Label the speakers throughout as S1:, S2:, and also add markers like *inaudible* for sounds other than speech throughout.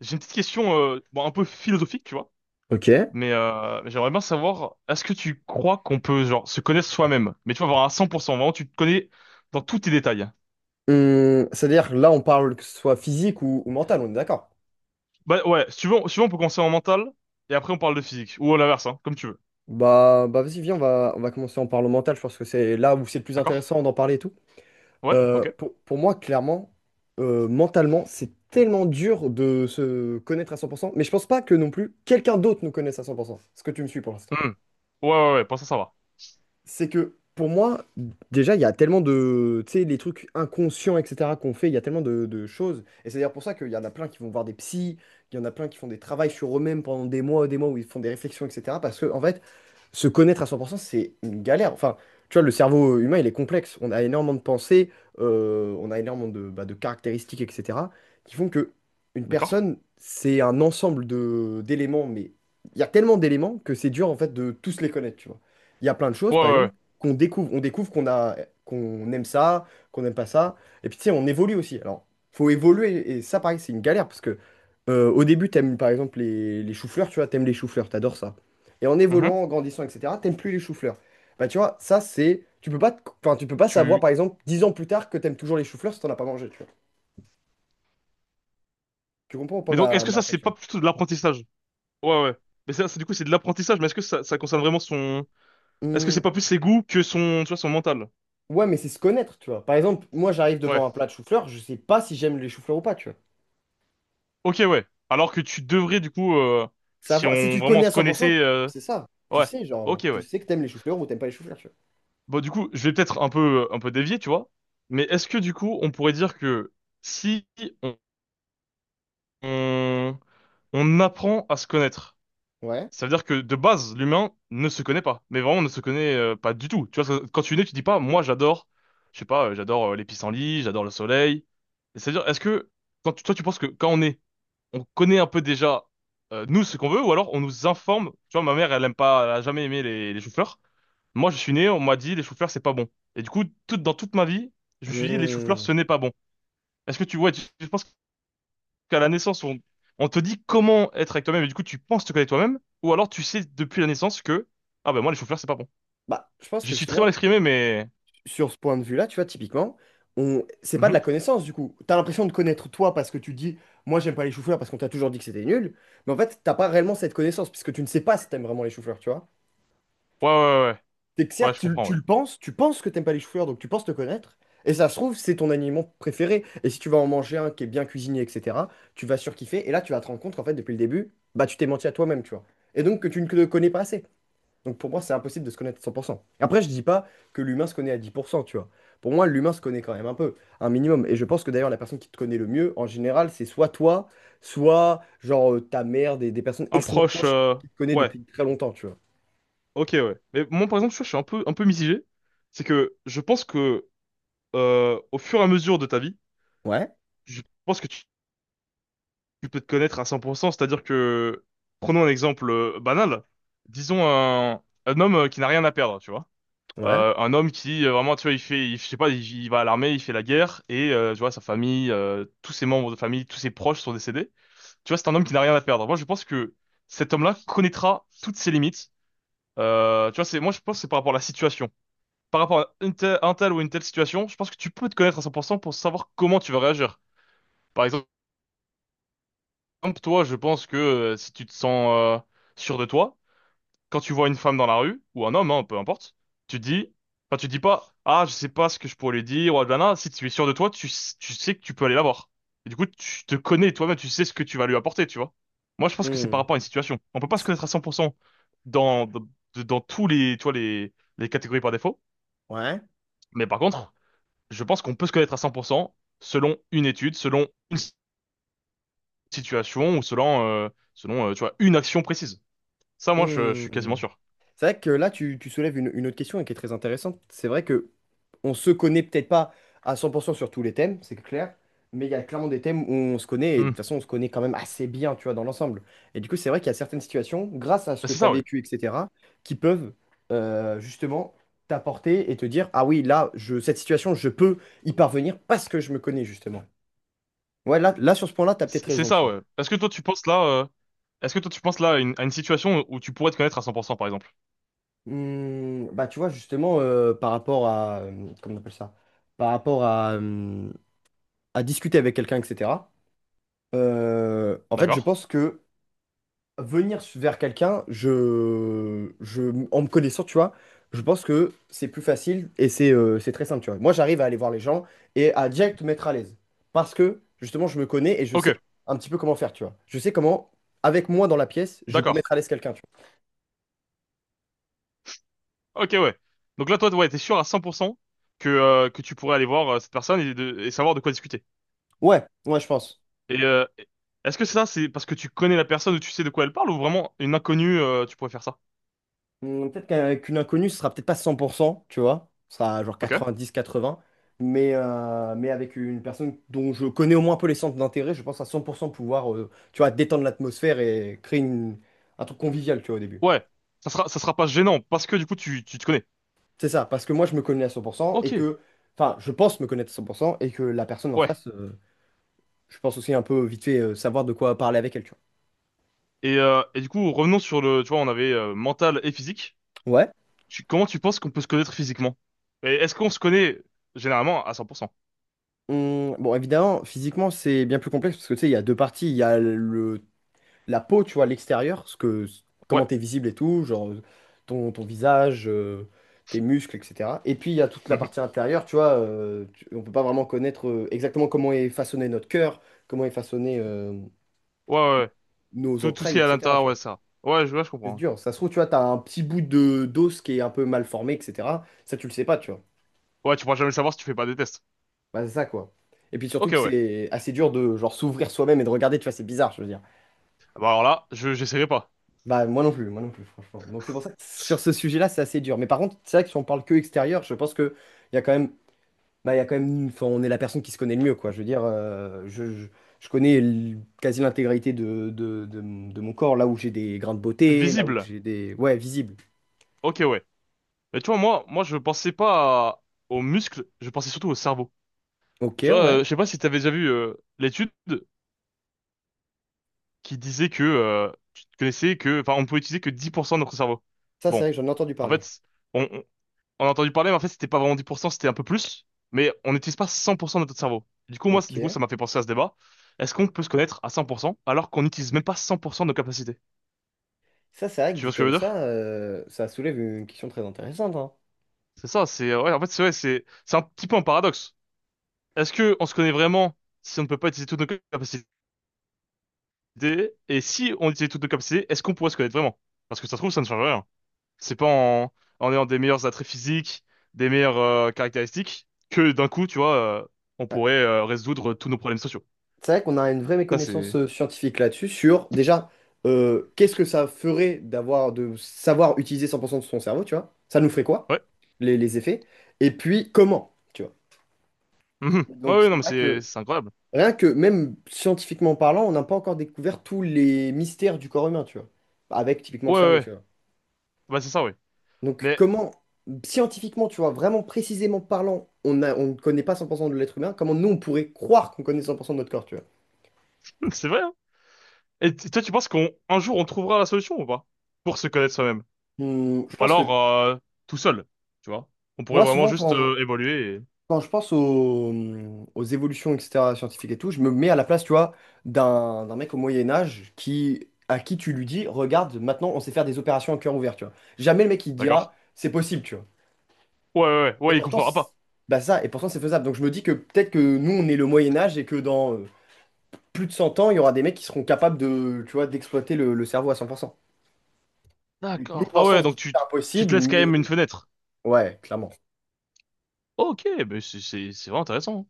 S1: J'ai une petite question, bon, un peu philosophique, tu vois,
S2: Ok.
S1: mais j'aimerais bien savoir, est-ce que tu crois qu'on peut, genre, se connaître soi-même? Mais tu vas voir à 100%, vraiment, tu te connais dans tous tes détails.
S2: C'est-à-dire, là, on parle que ce soit physique ou mental, on est d'accord?
S1: Bah ouais, si tu veux, on peut commencer en mental, et après on parle de physique, ou à l'inverse, hein, comme tu veux.
S2: Bah, vas-y, viens, on va commencer en parlant mental. Je pense que c'est là où c'est le plus
S1: D'accord?
S2: intéressant d'en parler et tout.
S1: Ouais?
S2: Euh,
S1: Ok.
S2: pour, pour moi, clairement, mentalement, c'est tellement dur de se connaître à 100%, mais je pense pas que non plus quelqu'un d'autre nous connaisse à 100%. Est-ce que tu me suis pour l'instant?
S1: Hmm. Ouais, ouais, ouais, pour ça, ça va.
S2: C'est que pour moi, déjà, il y a tellement de, tu sais, les trucs inconscients, etc., qu'on fait, il y a tellement de choses. Et c'est d'ailleurs pour ça qu'il y en a plein qui vont voir des psys, il y en a plein qui font des travaux sur eux-mêmes pendant des mois et des mois où ils font des réflexions, etc. Parce que, en fait, se connaître à 100%, c'est une galère. Enfin, tu vois, le cerveau humain, il est complexe. On a énormément de pensées, on a énormément de, bah, de caractéristiques, etc., qui font que une
S1: D'accord?
S2: personne, c'est un ensemble de d'éléments, mais il y a tellement d'éléments que c'est dur, en fait, de tous les connaître, tu vois. Il y a plein de choses,
S1: Ouais,
S2: par exemple,
S1: ouais,
S2: qu'on découvre. On découvre qu'on a, qu'on aime ça, qu'on n'aime pas ça. Et puis, tu sais, on évolue aussi. Alors, faut évoluer. Et ça, pareil, c'est une galère, parce que au début, t'aimes, par exemple, les choux-fleurs, tu vois, t'aimes les choux-fleurs, t'adores ça. Et en
S1: ouais. Mhm.
S2: évoluant, en grandissant, etc., t'aimes plus les choux-fleurs. Bah, tu vois, ça, c'est. Tu peux pas, enfin, tu peux pas savoir,
S1: Tu...
S2: par exemple, 10 ans plus tard que t'aimes toujours les choux-fleurs si t'en as pas mangé, tu vois. Tu comprends ou pas
S1: Mais donc,
S2: ma,
S1: est-ce que
S2: ma
S1: ça, c'est pas
S2: réflexion?
S1: plutôt de l'apprentissage? Ouais, ouais. Mais ça, c'est du coup, c'est de l'apprentissage, mais est-ce que ça concerne vraiment son... Est-ce que c'est
S2: Hum,
S1: pas plus ses goûts que son, tu vois, son mental?
S2: ouais, mais c'est se connaître, tu vois. Par exemple, moi, j'arrive devant
S1: Ouais.
S2: un plat de choux-fleurs, je sais pas si j'aime les choux-fleurs ou pas, tu vois.
S1: Ok, ouais. Alors que tu devrais, du coup, si
S2: Savoir, si
S1: on
S2: tu
S1: vraiment
S2: connais à
S1: se
S2: 100%,
S1: connaissait,
S2: c'est ça. Tu
S1: ouais.
S2: sais,
S1: Ok,
S2: genre, tu
S1: ouais.
S2: sais que t'aimes les choux-fleurs ou t'aimes pas les choux-fleurs, tu
S1: Bon, du coup, je vais peut-être un peu dévier, tu vois. Mais est-ce que, du coup, on pourrait dire que si on, on, on apprend à se connaître,
S2: vois. Ouais.
S1: ça veut dire que de base, l'humain ne se connaît pas. Mais vraiment, ne se connaît pas du tout. Tu vois, quand tu es né, tu dis pas, moi, j'adore, je sais pas, j'adore les pissenlits, j'adore le soleil. Et c'est-à-dire, est-ce que, toi, tu penses que quand on est on connaît un peu déjà nous ce qu'on veut, ou alors on nous informe. Tu vois, ma mère, elle aime pas, elle a jamais aimé les choux-fleurs. Moi, je suis né, on m'a dit les choux-fleurs, c'est pas bon. Et du coup, toute dans toute ma vie, je me suis dit les choux-fleurs,
S2: Hum.
S1: ce n'est pas bon. Est-ce que tu vois, je pense qu'à la naissance, on te dit comment être avec toi-même, et du coup, tu penses te connaître toi-même, ou alors tu sais depuis la naissance que ah ben moi les choux-fleurs, c'est pas bon.
S2: Bah, je pense
S1: Je
S2: que
S1: suis très mal
S2: justement,
S1: exprimé, mais...
S2: sur ce point de vue-là, tu vois, typiquement, c'est pas de
S1: Mhm.
S2: la connaissance du coup. T'as l'impression de connaître toi parce que tu dis, moi j'aime pas les chou-fleurs parce qu'on t'a toujours dit que c'était nul, mais en fait, t'as pas réellement cette connaissance puisque tu ne sais pas si t'aimes vraiment les chou-fleurs, tu vois.
S1: Ouais, ouais, ouais, ouais,
S2: C'est que
S1: ouais,
S2: certes,
S1: je comprends,
S2: tu
S1: ouais.
S2: le penses, tu penses que t'aimes pas les chou-fleurs, donc tu penses te connaître, et ça se trouve, c'est ton aliment préféré. Et si tu vas en manger un qui est bien cuisiné, etc., tu vas surkiffer, et là, tu vas te rendre compte qu'en fait, depuis le début, bah tu t'es menti à toi-même, tu vois. Et donc que tu ne te connais pas assez. Donc pour moi, c'est impossible de se connaître à 100%. Et après, je dis pas que l'humain se connaît à 10%, tu vois. Pour moi, l'humain se connaît quand même un peu, un minimum. Et je pense que d'ailleurs, la personne qui te connaît le mieux, en général, c'est soit toi, soit genre ta mère, des personnes
S1: Un
S2: extrêmement
S1: proche,
S2: proches qui te connaissent
S1: ouais,
S2: depuis très longtemps, tu vois.
S1: ok, ouais. Mais moi, par exemple, je suis un peu mitigé. C'est que je pense que au fur et à mesure de ta vie,
S2: Ouais,
S1: je pense que tu peux te connaître à 100%, c'est-à-dire que, prenons un exemple banal, disons un homme qui n'a rien à perdre, tu vois.
S2: ouais.
S1: Un homme qui, vraiment, tu vois, il fait, je sais pas, il va à l'armée, il fait la guerre, et tu vois, sa famille, tous ses membres de famille, tous ses proches sont décédés. Tu vois, c'est un homme qui n'a rien à perdre. Moi, je pense que cet homme-là connaîtra toutes ses limites. Tu vois, moi, je pense que c'est par rapport à la situation. Par rapport à un tel ou une telle situation, je pense que tu peux te connaître à 100% pour cent pour savoir comment tu vas réagir. Par exemple, comme toi, je pense que si tu te sens sûr de toi, quand tu vois une femme dans la rue, ou un homme, hein, peu importe, tu te dis, enfin, tu te dis pas, ah, je sais pas ce que je pourrais lui dire, ou ah, blablabla. Si tu es sûr de toi, tu sais que tu peux aller la voir. Et du coup, tu te connais toi-même, tu sais ce que tu vas lui apporter, tu vois. Moi, je pense que c'est par
S2: Hmm,
S1: rapport à une situation. On peut pas se
S2: c'est-
S1: connaître à 100% dans, dans, dans tous les, tu vois, les catégories par défaut.
S2: ouais.
S1: Mais par contre, je pense qu'on peut se connaître à 100% selon une étude, situation, ou selon, tu vois, une action précise. Ça, moi, je suis quasiment
S2: Hmm.
S1: sûr.
S2: C'est vrai que là, tu soulèves une autre question et qui est très intéressante. C'est vrai que on se connaît peut-être pas à 100% sur tous les thèmes, c'est clair, mais il y a clairement des thèmes où on se connaît, et de toute
S1: Hmm.
S2: façon, on se connaît quand même assez bien, tu vois, dans l'ensemble. Et du coup, c'est vrai qu'il y a certaines situations, grâce à ce
S1: Bah,
S2: que
S1: c'est
S2: tu as
S1: ça, ouais.
S2: vécu, etc., qui peuvent justement t'apporter et te dire, ah oui, là, cette situation, je peux y parvenir parce que je me connais, justement. Ouais, là sur ce point-là, tu as peut-être
S1: C'est
S2: raison, tu
S1: ça,
S2: vois.
S1: ouais. Est-ce que toi, tu penses là, est-ce que toi, tu penses là à une situation où tu pourrais te connaître à cent pour cent, par exemple?
S2: Hmm, bah, tu vois, justement, par rapport à, comment on appelle ça? Par rapport à discuter avec quelqu'un, etc. En fait, je
S1: D'accord?
S2: pense que venir vers quelqu'un, en me connaissant, tu vois, je pense que c'est plus facile et c'est très simple, tu vois. Moi, j'arrive à aller voir les gens et à direct me mettre à l'aise. Parce que, justement, je me connais et je
S1: Ok,
S2: sais un petit peu comment faire, tu vois. Je sais comment, avec moi dans la pièce, je peux
S1: d'accord.
S2: mettre à l'aise quelqu'un, tu
S1: Ok, ouais. Donc là, toi, ouais, t'es sûr à 100% que tu pourrais aller voir cette personne et savoir de quoi discuter.
S2: vois. Ouais, ouais, je pense.
S1: Et est-ce que ça, c'est parce que tu connais la personne ou tu sais de quoi elle parle ou vraiment une inconnue, tu pourrais faire ça?
S2: Peut-être qu'une inconnue, ce sera peut-être pas 100%, tu vois. Ce sera genre
S1: Ok?
S2: 90-80. Mais avec une personne dont je connais au moins un peu les centres d'intérêt, je pense à 100% pouvoir, tu vois, détendre l'atmosphère et créer un truc convivial, tu vois, au début.
S1: Ouais. Ça sera pas gênant parce que du coup, tu te connais.
S2: C'est ça, parce que moi, je me connais à 100% et
S1: Ok.
S2: que, enfin, je pense me connaître à 100% et que la personne en
S1: Ouais.
S2: face, je pense aussi un peu vite fait savoir de quoi parler avec elle, tu
S1: Et du coup, revenons sur le, tu vois, on avait mental et physique.
S2: vois. Ouais.
S1: Comment tu penses qu'on peut se connaître physiquement? Et est-ce qu'on se connaît généralement à 100%?
S2: Bon, évidemment, physiquement, c'est bien plus complexe parce que, tu sais, il y a deux parties. Il y a le la peau, tu vois, l'extérieur, ce que,
S1: Ouais.
S2: comment t'es visible et tout, genre ton, ton visage, tes muscles, etc. Et puis il y a toute la
S1: Mhm.
S2: partie intérieure, tu vois, on peut pas vraiment connaître exactement comment est façonné notre cœur, comment est façonné
S1: Ouais, ouais, ouais.
S2: nos
S1: Tout, tout ce
S2: entrailles,
S1: qui est à
S2: etc.
S1: l'intérieur,
S2: Tu
S1: ouais,
S2: vois.
S1: ça. Ouais, je
S2: C'est
S1: comprends. Ouais,
S2: dur. Ça se trouve, tu vois, t'as un petit bout de d'os qui est un peu mal formé, etc. Ça, tu le sais pas, tu vois.
S1: ouais, tu pourras jamais le savoir si tu fais pas des tests.
S2: Bah, c'est ça, quoi. Et puis surtout
S1: Ok,
S2: que
S1: ouais.
S2: c'est assez dur de genre s'ouvrir soi-même et de regarder, tu vois, c'est bizarre, je veux dire.
S1: Ah bah alors là, j'essaierai pas.
S2: Bah, moi non plus, franchement. Donc, c'est pour ça que sur ce sujet-là, c'est assez dur. Mais par contre, c'est vrai que si on parle que extérieur, je pense que il y a quand même, bah, il y a quand même, enfin, on est la personne qui se connaît le mieux, quoi. Je veux dire, je connais quasi l'intégralité de mon corps, là où j'ai des grains de beauté, là où
S1: Visible.
S2: j'ai des. Ouais, visible.
S1: Ok, ouais. Mais tu vois, moi, je pensais pas aux muscles, je pensais surtout au cerveau.
S2: Ok,
S1: Tu vois,
S2: ouais.
S1: je sais pas si t'avais déjà vu l'étude qui disait que tu te connaissais que, enfin, on pouvait utiliser que 10% de notre cerveau.
S2: Ça, c'est
S1: Bon,
S2: vrai que j'en ai entendu
S1: en
S2: parler.
S1: fait, on- on a entendu parler, mais en fait, c'était pas vraiment 10%, c'était un peu plus. Mais on n'utilise pas 100% de notre cerveau. Du coup, moi,
S2: Ok.
S1: ça m'a fait penser à ce débat. Est-ce qu'on peut se connaître à 100% alors qu'on n'utilise même pas 100% de nos capacités?
S2: Ça, c'est vrai que
S1: Tu
S2: dit
S1: vois ce que je
S2: comme
S1: veux
S2: ça,
S1: dire?
S2: ça soulève une question très intéressante, hein.
S1: C'est ça, c'est, ouais, en fait, c'est vrai, c'est un petit peu un paradoxe. Est-ce que on se connaît vraiment si on ne peut pas utiliser toutes nos capacités? Et si on utilise toutes nos capacités, est-ce qu'on pourrait se connaître vraiment? Parce que ça se trouve, ça ne change rien. C'est pas en ayant des meilleurs attraits physiques, des meilleures caractéristiques, que d'un coup, tu vois, euh, on pourrait résoudre tous nos problèmes sociaux.
S2: C'est vrai qu'on a une vraie
S1: Ça,
S2: méconnaissance
S1: c'est...
S2: scientifique là-dessus, sur déjà qu'est-ce que ça ferait d'avoir de savoir utiliser 100% de son cerveau, tu vois? Ça nous ferait quoi?
S1: Ouais.
S2: Les effets? Et puis comment, tu vois?
S1: Mhm. Ouais,
S2: Donc
S1: ouais,
S2: c'est
S1: non, mais
S2: vrai
S1: c'est
S2: que
S1: c'est incroyable.
S2: rien que même scientifiquement parlant, on n'a pas encore découvert tous les mystères du corps humain, tu vois? Avec typiquement
S1: Ouais,
S2: le
S1: ouais,
S2: cerveau, tu
S1: ouais.
S2: vois.
S1: Bah, c'est ça, oui.
S2: Donc
S1: Mais
S2: comment scientifiquement, tu vois, vraiment précisément parlant, on a, on ne connaît pas 100% de l'être humain, comment nous on pourrait croire qu'on connaît 100% de notre corps, tu vois?
S1: *laughs* c'est vrai, hein. Et toi, tu penses qu'on un jour, on trouvera la solution ou pas? Pour se connaître soi-même.
S2: Hmm, je
S1: Ou
S2: pense
S1: alors,
S2: que
S1: tout seul, tu vois? On pourrait
S2: moi
S1: vraiment
S2: souvent
S1: juste
S2: quand
S1: évoluer et...
S2: quand je pense aux évolutions, etc., scientifiques et tout, je me mets à la place, tu vois, d'un mec au Moyen Âge qui, à qui tu lui dis, regarde, maintenant on sait faire des opérations à cœur ouvert, tu vois. Jamais le mec il te
S1: D'accord.
S2: dira, c'est possible, tu vois.
S1: Ouais, ouais, ouais,
S2: Et
S1: ouais, il
S2: pourtant,
S1: comprendra pas.
S2: bah ça, et pourtant c'est faisable. Donc je me dis que peut-être que nous on est le Moyen Âge et que dans plus de 100 ans, il y aura des mecs qui seront capables de, tu vois, d'exploiter le cerveau à 100%. Donc, nous
S1: D'accord.
S2: pour
S1: Ah
S2: l'instant on
S1: ouais,
S2: se dit
S1: donc tu,
S2: c'est
S1: t- tu te
S2: impossible,
S1: laisses quand même une
S2: mais
S1: fenêtre.
S2: ouais, clairement.
S1: Ok, mais c'est vraiment intéressant, hein.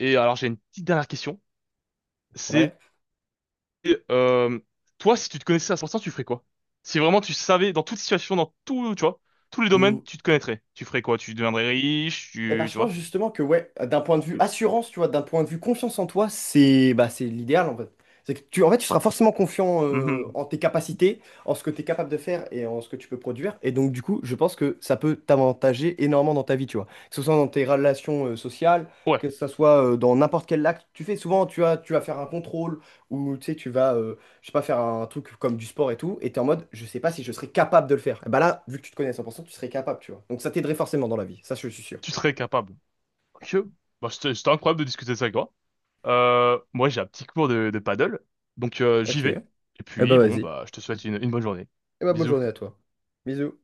S1: Et alors, j'ai une petite dernière question. C'est
S2: Ouais.
S1: euh, toi, si tu te connaissais à 100%, tu ferais quoi? Si vraiment tu savais, dans toute situation, dans tout, tu vois, tous les domaines,
S2: Mmh.
S1: tu te connaîtrais. Tu ferais quoi? Tu deviendrais riche,
S2: Et ben, je
S1: tu
S2: pense
S1: vois?
S2: justement que ouais, d'un point de vue
S1: Tu-
S2: assurance, tu vois, d'un point de vue confiance en toi, c'est bah, c'est l'idéal en fait. C'est que tu, en fait, tu seras forcément confiant
S1: Mhm.
S2: en tes capacités, en ce que tu es capable de faire et en ce que tu peux produire. Et donc, du coup, je pense que ça peut t'avantager énormément dans ta vie, tu vois. Que ce soit dans tes relations sociales,
S1: Ouais,
S2: que ce soit dans n'importe quel acte, que tu fais souvent, tu vas faire un contrôle ou tu sais, tu vas, je sais pas, faire un truc comme du sport et tout. Et tu es en mode, je sais pas si je serais capable de le faire. Et bah là, vu que tu te connais à 100%, tu serais capable, tu vois. Donc, ça t'aiderait forcément dans la vie. Ça, je suis sûr.
S1: tu serais capable. Ok. Bah, c'était incroyable de discuter de ça avec toi. Moi, j'ai un petit cours de paddle, donc j'y
S2: Ok.
S1: vais.
S2: Eh
S1: Et
S2: ben
S1: puis, bon,
S2: vas-y.
S1: bah, je te souhaite une bonne journée.
S2: Eh ben bonne
S1: Bisous.
S2: journée à toi. Bisous.